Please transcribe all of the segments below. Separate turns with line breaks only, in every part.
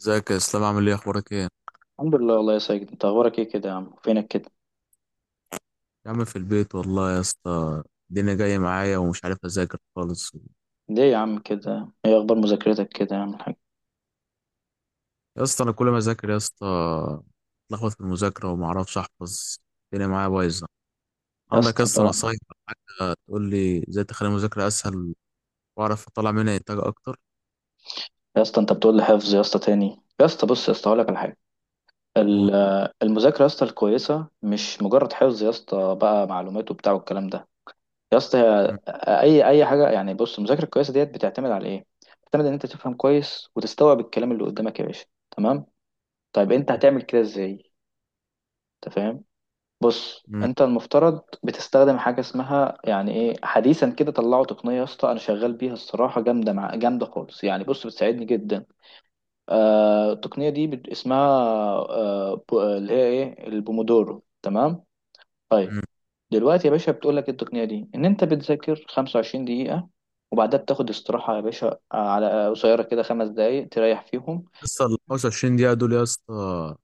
ازيك يا اسلام؟ عامل ايه؟ اخبارك ايه؟
الحمد لله والله يا ساجد، انت اخبارك ايه كده يا عم؟ فينك كده؟
يا عم في البيت والله يا اسطى. الدنيا جايه معايا ومش عارف اذاكر خالص.
ليه يا عم كده؟ ايه اخبار مذاكرتك كده يا عم الحاج؟
يا اسطى انا كل ما اذاكر يا اسطى اتلخبط في المذاكره وما اعرفش احفظ. الدنيا معايا بايظه.
يا
عندك يا
اسطى
اسطى
بقى،
نصايح او حاجه تقول لي ازاي تخلي المذاكره اسهل واعرف اطلع منها انتاج اكتر؟
يا اسطى انت بتقول لي حفظ يا اسطى تاني؟ يا اسطى بص، يا اسطى هقول لك على حاجه.
و-
ال- المذاكره يا اسطى الكويسه مش مجرد حفظ يا اسطى بقى معلومات وبتاع والكلام ده. يا اسطى
م-
هي اي حاجه يعني؟ بص، المذاكره الكويسه ديت بتعتمد على ايه؟ بتعتمد ان انت تفهم كويس وتستوعب الكلام اللي قدامك يا باشا. تمام؟ طيب، انت هتعمل كده ازاي؟ انت فاهم؟ بص،
م-
انت المفترض بتستخدم حاجه اسمها يعني ايه؟ حديثا كده طلعوا تقنيه يا اسطى، انا شغال بيها الصراحه، جامده، مع جامده خالص يعني. بص، بتساعدني جدا. التقنيه دي اسمها اللي هي ايه؟ البومودورو. تمام؟
م.
طيب،
يا
دلوقتي يا باشا بتقول لك إيه التقنيه دي؟ ان انت بتذاكر 25 دقيقه وبعدها بتاخد استراحه يا باشا. على قصيره كده، خمس دقائق تريح فيهم.
اسطى ال 25 دقيقه دول يا اسطى،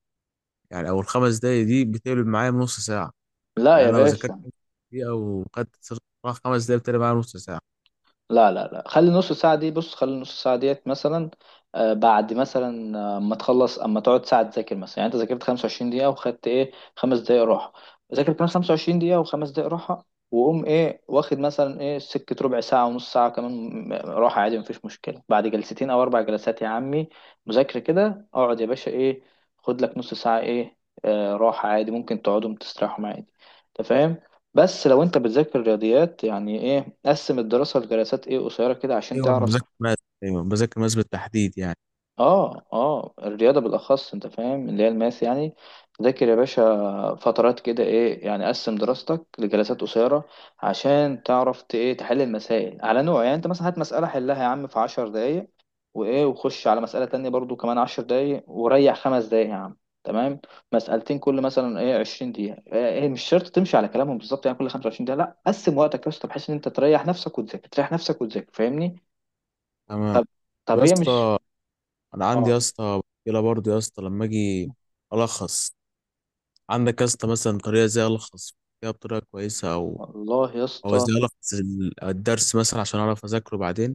يعني او الخمس دقايق دي بتقلب معايا بنص ساعه.
لا
يعني
يا
انا لو ذاكرت
باشا،
خمس دقيقه وخدت راح خمس دقايق بتقلب معايا نص ساعه.
لا خلي النص ساعة دي، بص خلي النص ساعة ديت مثلا بعد مثلا اما تخلص، اما تقعد ساعة تذاكر مثلا. يعني انت ذاكرت 25 دقيقة وخدت ايه؟ خمس دقايق راحة. ذاكر كمان 25 دقيقة وخمس دقايق راحة، وقوم ايه واخد مثلا ايه سكة ربع ساعة ونص ساعة كمان راحة عادي، مفيش مشكلة. بعد جلستين او اربع جلسات يا عمي مذاكرة كده، اقعد يا باشا ايه، خد لك نص ساعة ايه راحة عادي، ممكن تقعدهم تستريحهم عادي. انت فاهم؟ بس لو انت بتذاكر رياضيات، يعني ايه؟ قسم الدراسة لجلسات ايه قصيرة كده عشان
ايوه أنا
تعرف.
بذاكر ماس. ايوه بذاكر ماس بالتحديد يعني.
اه الرياضة بالأخص، انت فاهم، اللي هي الماس يعني. ذاكر يا باشا فترات كده ايه، يعني قسم دراستك لجلسات قصيرة عشان تعرف ايه تحل المسائل على نوع. يعني انت مثلا هات مسألة حلها يا عم في عشر دقايق، وايه وخش على مسألة تانية برضو كمان عشر دقايق، وريح خمس دقايق يا عم. تمام؟ مسألتين كل مثلا ايه عشرين دقيقة ايه إيه، مش شرط تمشي على كلامهم بالظبط، يعني كل خمسة وعشرين دقيقة، لا قسم وقتك يا اسطى بحيث ان انت تريح نفسك وتذاكر، تريح نفسك وتذاكر. فاهمني؟
تمام.
طب،
طب
طب
يا
هي مش
اسطى انا عندي يا
اه،
اسطى مشكله برضه يا اسطى، لما اجي الخص، عندك يا اسطى مثلا طريقه ازاي الخص فيها بطريقه كويسه؟ او
والله يا
او
اسطى،
ازاي الخص الدرس مثلا عشان اعرف اذاكره بعدين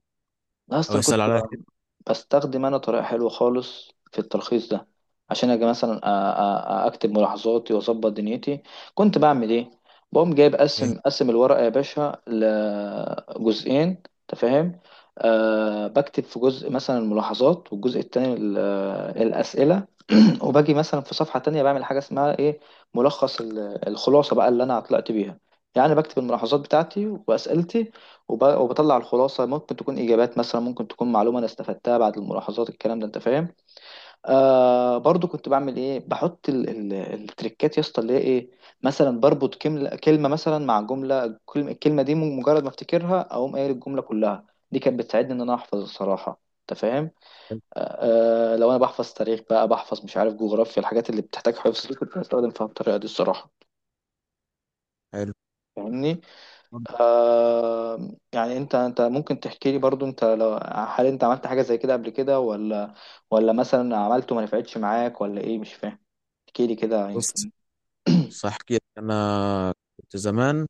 لا يا اسطى
او
انا
يسال
كنت
عليا كده؟
بستخدم انا طريقه حلوه خالص في التلخيص ده. عشان اجي مثلا اكتب ملاحظاتي واظبط دنيتي، كنت بعمل ايه؟ بقوم جايب
إيه،
قسم الورقه يا باشا لجزئين، انت فاهم؟ أه بكتب في جزء مثلا الملاحظات، والجزء التاني آه، الاسئله. وباجي مثلا في صفحه تانية بعمل حاجه اسمها ايه؟ ملخص الخلاصه بقى اللي انا طلعت بيها. يعني بكتب الملاحظات بتاعتي واسئلتي، وبطلع الخلاصة. ممكن تكون إجابات مثلا، ممكن تكون معلومة أنا استفدتها بعد الملاحظات، الكلام ده أنت فاهم؟ آه، برضو كنت بعمل إيه؟ بحط ال التريكات يا اسطى اللي هي إيه؟ مثلا بربط كلمة كلمة مثلا مع جملة الكلمة دي مجرد ما أفتكرها أقوم قايل الجملة كلها. دي كانت بتساعدني إن أنا أحفظ الصراحة، أنت فاهم؟ آه، لو أنا بحفظ تاريخ بقى، بحفظ مش عارف جغرافيا، الحاجات اللي بتحتاج حفظ دي كنت بستخدم فيها الطريقة دي الصراحة.
حلو.
فاهمني؟ آه، يعني انت ممكن تحكي لي برضو. انت لو، هل انت عملت حاجة زي كده قبل كده ولا؟ ولا مثلا عملته ما نفعتش معاك؟ ولا ايه؟ مش فاهم، احكي لي كده
بص
يمكن.
بص احكي لك. انا كنت زمان،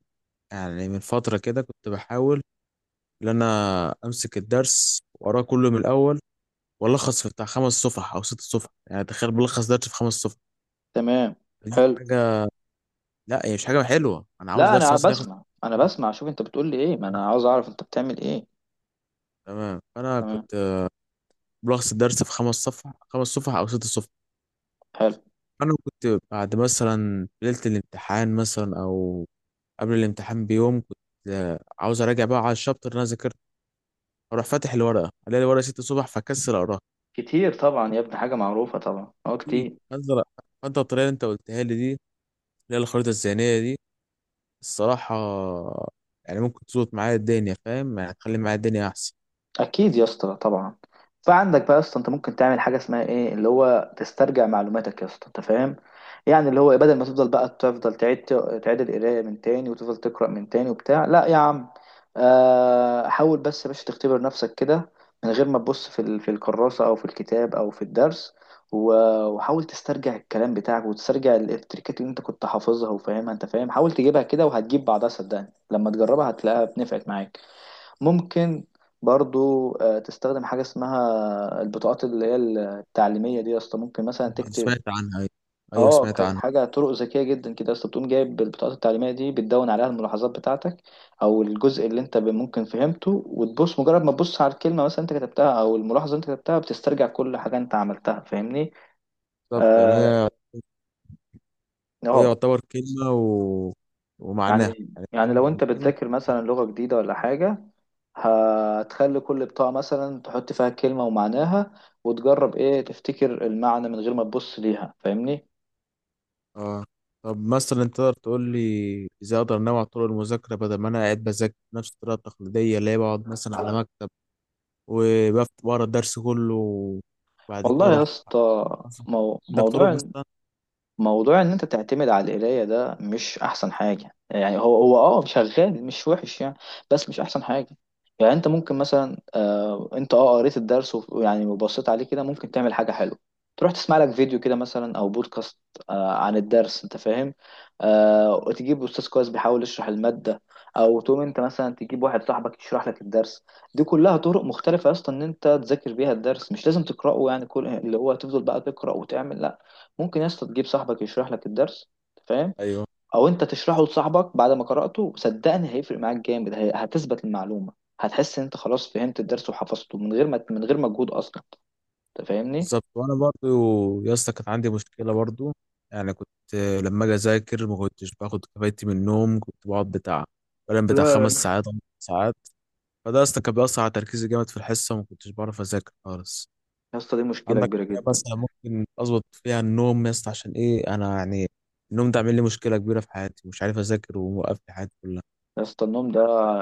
يعني من فتره كده، كنت بحاول ان انا امسك الدرس واقراه كله من الاول والخص في بتاع خمس صفح او ست صفح. يعني تخيل بلخص درس في خمس صفح.
تمام.
دي
حلو.
حاجة. لا هي مش حاجة حلوة. أنا عاوز
لا
درس
انا
مثلا ياخد
بسمع، انا بسمع، شوف انت بتقول لي ايه، ما انا عاوز اعرف انت بتعمل ايه.
تمام. فأنا
تمام.
كنت بلخص الدرس في خمس صفح، أو ست صفح.
حلو.
أنا كنت بعد مثلا ليلة الامتحان مثلا، أو قبل الامتحان بيوم، كنت عاوز أراجع بقى على الشابتر اللي أنا ذاكرته. أروح فاتح الورقة ألاقي الورقة ست صفح فأكسل أقراها.
كتير طبعا يا ابني، حاجة معروفة طبعا، اه
أكيد.
كتير.
فأنت الطريقة اللي أنت قلتها لي دي، اللي هي الخريطة الذهنية دي، الصراحة يعني ممكن تظبط معايا الدنيا، فاهم؟ يعني تخلي معايا الدنيا أحسن.
اكيد يا اسطى طبعا. فعندك بقى يا اسطى، انت ممكن تعمل حاجه اسمها ايه، اللي هو تسترجع معلوماتك يا اسطى، انت فاهم؟ يعني اللي هو إيه، بدل ما تفضل بقى تفضل تعيد، تعيد القرايه من تاني وتفضل تقرا من تاني وبتاع، لا يا عم. آه، حاول بس يا باشا تختبر نفسك كده من غير ما تبص في في الكراسه او في الكتاب او في الدرس، وحاول تسترجع الكلام بتاعك وتسترجع التريكات اللي انت كنت حافظها وفاهمها، انت فاهم؟ حاول تجيبها كده وهتجيب بعضها، صدقني لما تجربها هتلاقيها بنفعت معاك. ممكن برضو آه، تستخدم حاجة اسمها البطاقات اللي هي التعليمية دي يا اسطى. ممكن مثلا تكتب،
سمعت عنها أيوة. أيوة،
اه
سمعت
كانت
عنها.
حاجة طرق ذكية جدا كده يا اسطى، بتقوم جايب البطاقات التعليمية دي بتدون عليها الملاحظات بتاعتك او الجزء اللي انت ممكن فهمته، وتبص مجرد ما تبص على الكلمة مثلا انت كتبتها او الملاحظة اللي انت كتبتها، بتسترجع كل حاجة انت عملتها. فاهمني؟
بالظبط. يعني
اه،
هي
آه،
يعتبر كلمة ومعناها.
يعني
يعني
لو
الكلمة
انت
الكلمة
بتذاكر مثلا لغة جديدة ولا حاجة، هتخلي كل بطاقة مثلا تحط فيها كلمة ومعناها، وتجرب ايه تفتكر المعنى من غير ما تبص ليها. فاهمني؟
اه. طب مثلا انت تقدر تقول لي ازاي اقدر انوع طرق المذاكرة، بدل ما انا قاعد بذاكر نفس الطريقة التقليدية اللي هي بقعد مثلا على مكتب بقرا الدرس كله وبعد كده
والله
اروح
يا اسطى،
أصلاً؟
مو...
عندك طرق
موضوع
مثلا؟
موضوع ان انت تعتمد على القرايه ده مش احسن حاجه، يعني هو اه شغال مش وحش يعني، بس مش احسن حاجه. يعني انت ممكن مثلا آه انت اه قريت الدرس يعني وبصيت عليه كده، ممكن تعمل حاجه حلوه. تروح تسمع لك فيديو كده مثلا او بودكاست آه عن الدرس، انت فاهم؟ آه، وتجيب استاذ كويس بيحاول يشرح الماده، او تقوم انت مثلا تجيب واحد صاحبك يشرح لك الدرس. دي كلها طرق مختلفه اصلا ان انت تذاكر بيها الدرس، مش لازم تقراه يعني كل اللي هو تفضل بقى تقرا وتعمل، لا. ممكن يا اسطى تجيب صاحبك يشرح لك الدرس، أنت فاهم؟
ايوه.
او انت تشرحه لصاحبك بعد ما قرأته، صدقني هيفرق معاك جامد. هتثبت المعلومة، هتحس ان انت خلاص فهمت الدرس وحفظته من غير ما، من غير مجهود اصلا. انت فاهمني؟
بالظبط. وانا برضو يا اسطى كانت عندي مشكلة برضو. يعني كنت لما اجي اذاكر ما كنتش باخد كفايتي من النوم. كنت بقعد بتاع بنام بتاع
لا
خمس
لا
ساعات أو ست ساعات. فده يا اسطى كان بيأثر على تركيزي جامد في الحصة، وما كنتش بعرف أذاكر خالص.
يا اسطى دي مشكلة
عندك
كبيرة
حاجة
جدا.
مثلا ممكن أظبط فيها النوم يا اسطى، عشان إيه، أنا يعني النوم ده عامل لي مشكلة كبيرة في حياتي، مش عارف أذاكر، وموقف لي حياتي كلها.
يا اسطى النوم ده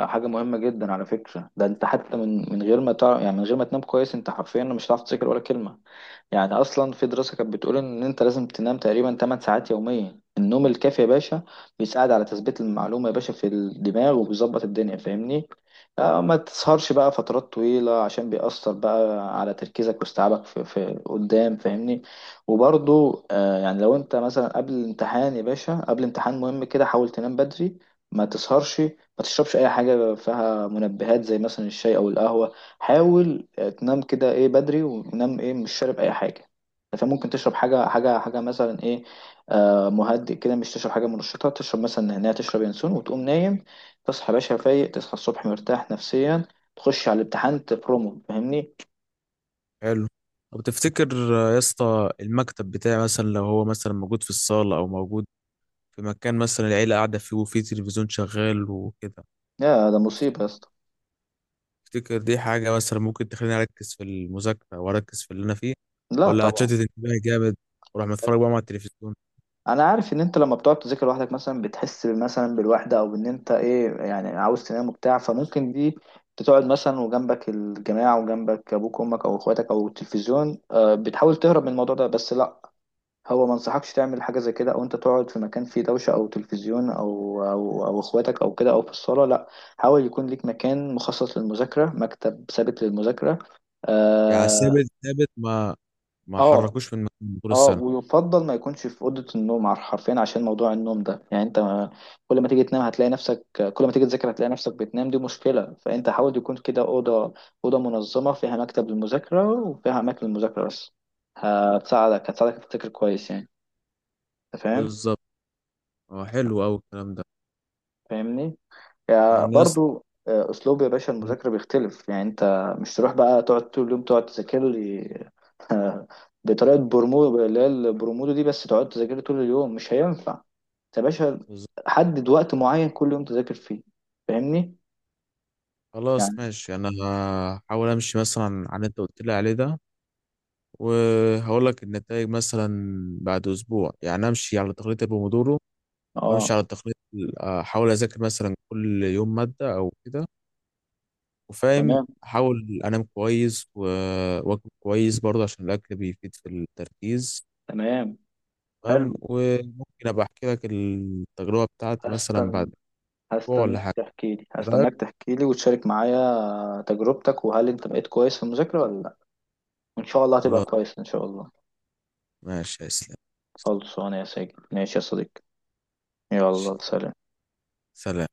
حاجة مهمة جدا على فكرة. ده انت حتى من غير ما يعني من غير ما تنام كويس انت حرفيا مش هتعرف تذاكر ولا كلمة. يعني اصلا في دراسه كانت بتقول ان انت لازم تنام تقريبا 8 ساعات يوميا. النوم الكافي يا باشا بيساعد على تثبيت المعلومه يا باشا في الدماغ وبيظبط الدنيا، فاهمني؟ آه، ما تسهرش بقى فترات طويله عشان بيأثر بقى على تركيزك واستيعابك في، قدام، فاهمني؟ وبرضو آه، يعني لو انت مثلا قبل الامتحان يا باشا، قبل امتحان مهم كده، حاول تنام بدري، ما تسهرش، ما تشربش اي حاجه فيها منبهات زي مثلا الشاي او القهوه. حاول آه، تنام كده ايه بدري، ونام ايه مش شارب اي حاجه. فممكن تشرب حاجه مثلا ايه آه مهدئ كده، مش تشرب حاجه منشطه، تشرب مثلا نعناع، تشرب ينسون وتقوم نايم. تصحى يا باشا فايق، تصحى الصبح مرتاح نفسيا، تخش على الامتحان تبرومو. فاهمني؟
حلو. طب تفتكر يا اسطى المكتب بتاعي مثلا لو هو مثلا موجود في الصالة، أو موجود في مكان مثلا العيلة قاعدة فيه وفيه تلفزيون شغال وكده،
يا ده مصيبه يا اسطى.
تفتكر دي حاجة مثلا ممكن تخليني أركز في المذاكرة وأركز في اللي أنا فيه،
لا
ولا
طبعا.
هتشتت انتباهي جامد وأروح متفرج بقى مع التلفزيون؟
انا عارف ان انت لما بتقعد تذاكر لوحدك مثلا بتحس مثلا بالوحده، او ان انت ايه يعني عاوز تنام وبتاع، فممكن دي تقعد مثلا وجنبك الجماعه وجنبك ابوك وامك او اخواتك او التلفزيون. آه، بتحاول تهرب من الموضوع ده، بس لا. هو ما انصحكش تعمل حاجه زي كده، او انت تقعد في مكان فيه دوشه او تلفزيون او او اخواتك او كده او في الصاله، لا. حاول يكون ليك مكان مخصص للمذاكره، مكتب ثابت للمذاكره.
يعني
اه،
ثابت ما
آه،
حركوش من مكانه طول
اه
السنة؟
ويفضل ما يكونش في اوضه النوم حرفيا عشان موضوع النوم ده. يعني انت كل ما تيجي تنام هتلاقي نفسك، كل ما تيجي تذاكر هتلاقي نفسك بتنام، دي مشكله. فانت حاول يكون كده اوضه منظمه فيها مكتب للمذاكره وفيها اماكن للمذاكره بس، هتساعدك تفتكر كويس يعني. انت فاهم؟
بالظبط. اه، حلو أوي الكلام ده.
فاهمني؟ يعني
يعني يا اسطى
برضو آه، اسلوب يا باشا المذاكره بيختلف. يعني انت مش تروح بقى تقعد طول اليوم تقعد تذاكر لي بطريقه برمودو اللي هي البرمودو دي بس، تقعد تذاكر لي طول اليوم مش هينفع. انت يا باشا
بالظبط.
حدد وقت معين كل يوم تذاكر فيه. فاهمني؟
خلاص
يعني
ماشي. أنا هحاول أمشي مثلا عن اللي أنت قلت لي عليه ده، وهقول لك النتائج مثلا بعد أسبوع. يعني أمشي على تقليد البومودورو،
اه.
وأمشي على تقليد أحاول أذاكر مثلا كل يوم مادة أو كده، وفاهم.
تمام.
أحاول أنام كويس وأكل كويس برضه عشان الأكل بيفيد في التركيز.
تمام.
تمام.
حلو.
وممكن ابقى احكي لك التجربة بتاعتي مثلا بعد
هستنى،
اسبوع ولا
هستناك
حاجة،
تحكي لي،
ايه رأيك؟
هستناك تحكي لي وتشارك معايا تجربتك، وهل انت بقيت كويس في المذاكره ولا لا. وان شاء الله هتبقى
خلاص
كويس ان شاء الله.
ماشي يا اسلام.
خلصانه يا ساجد، ماشي يا صديقي.
ماشي.
يلا سلام.
سلام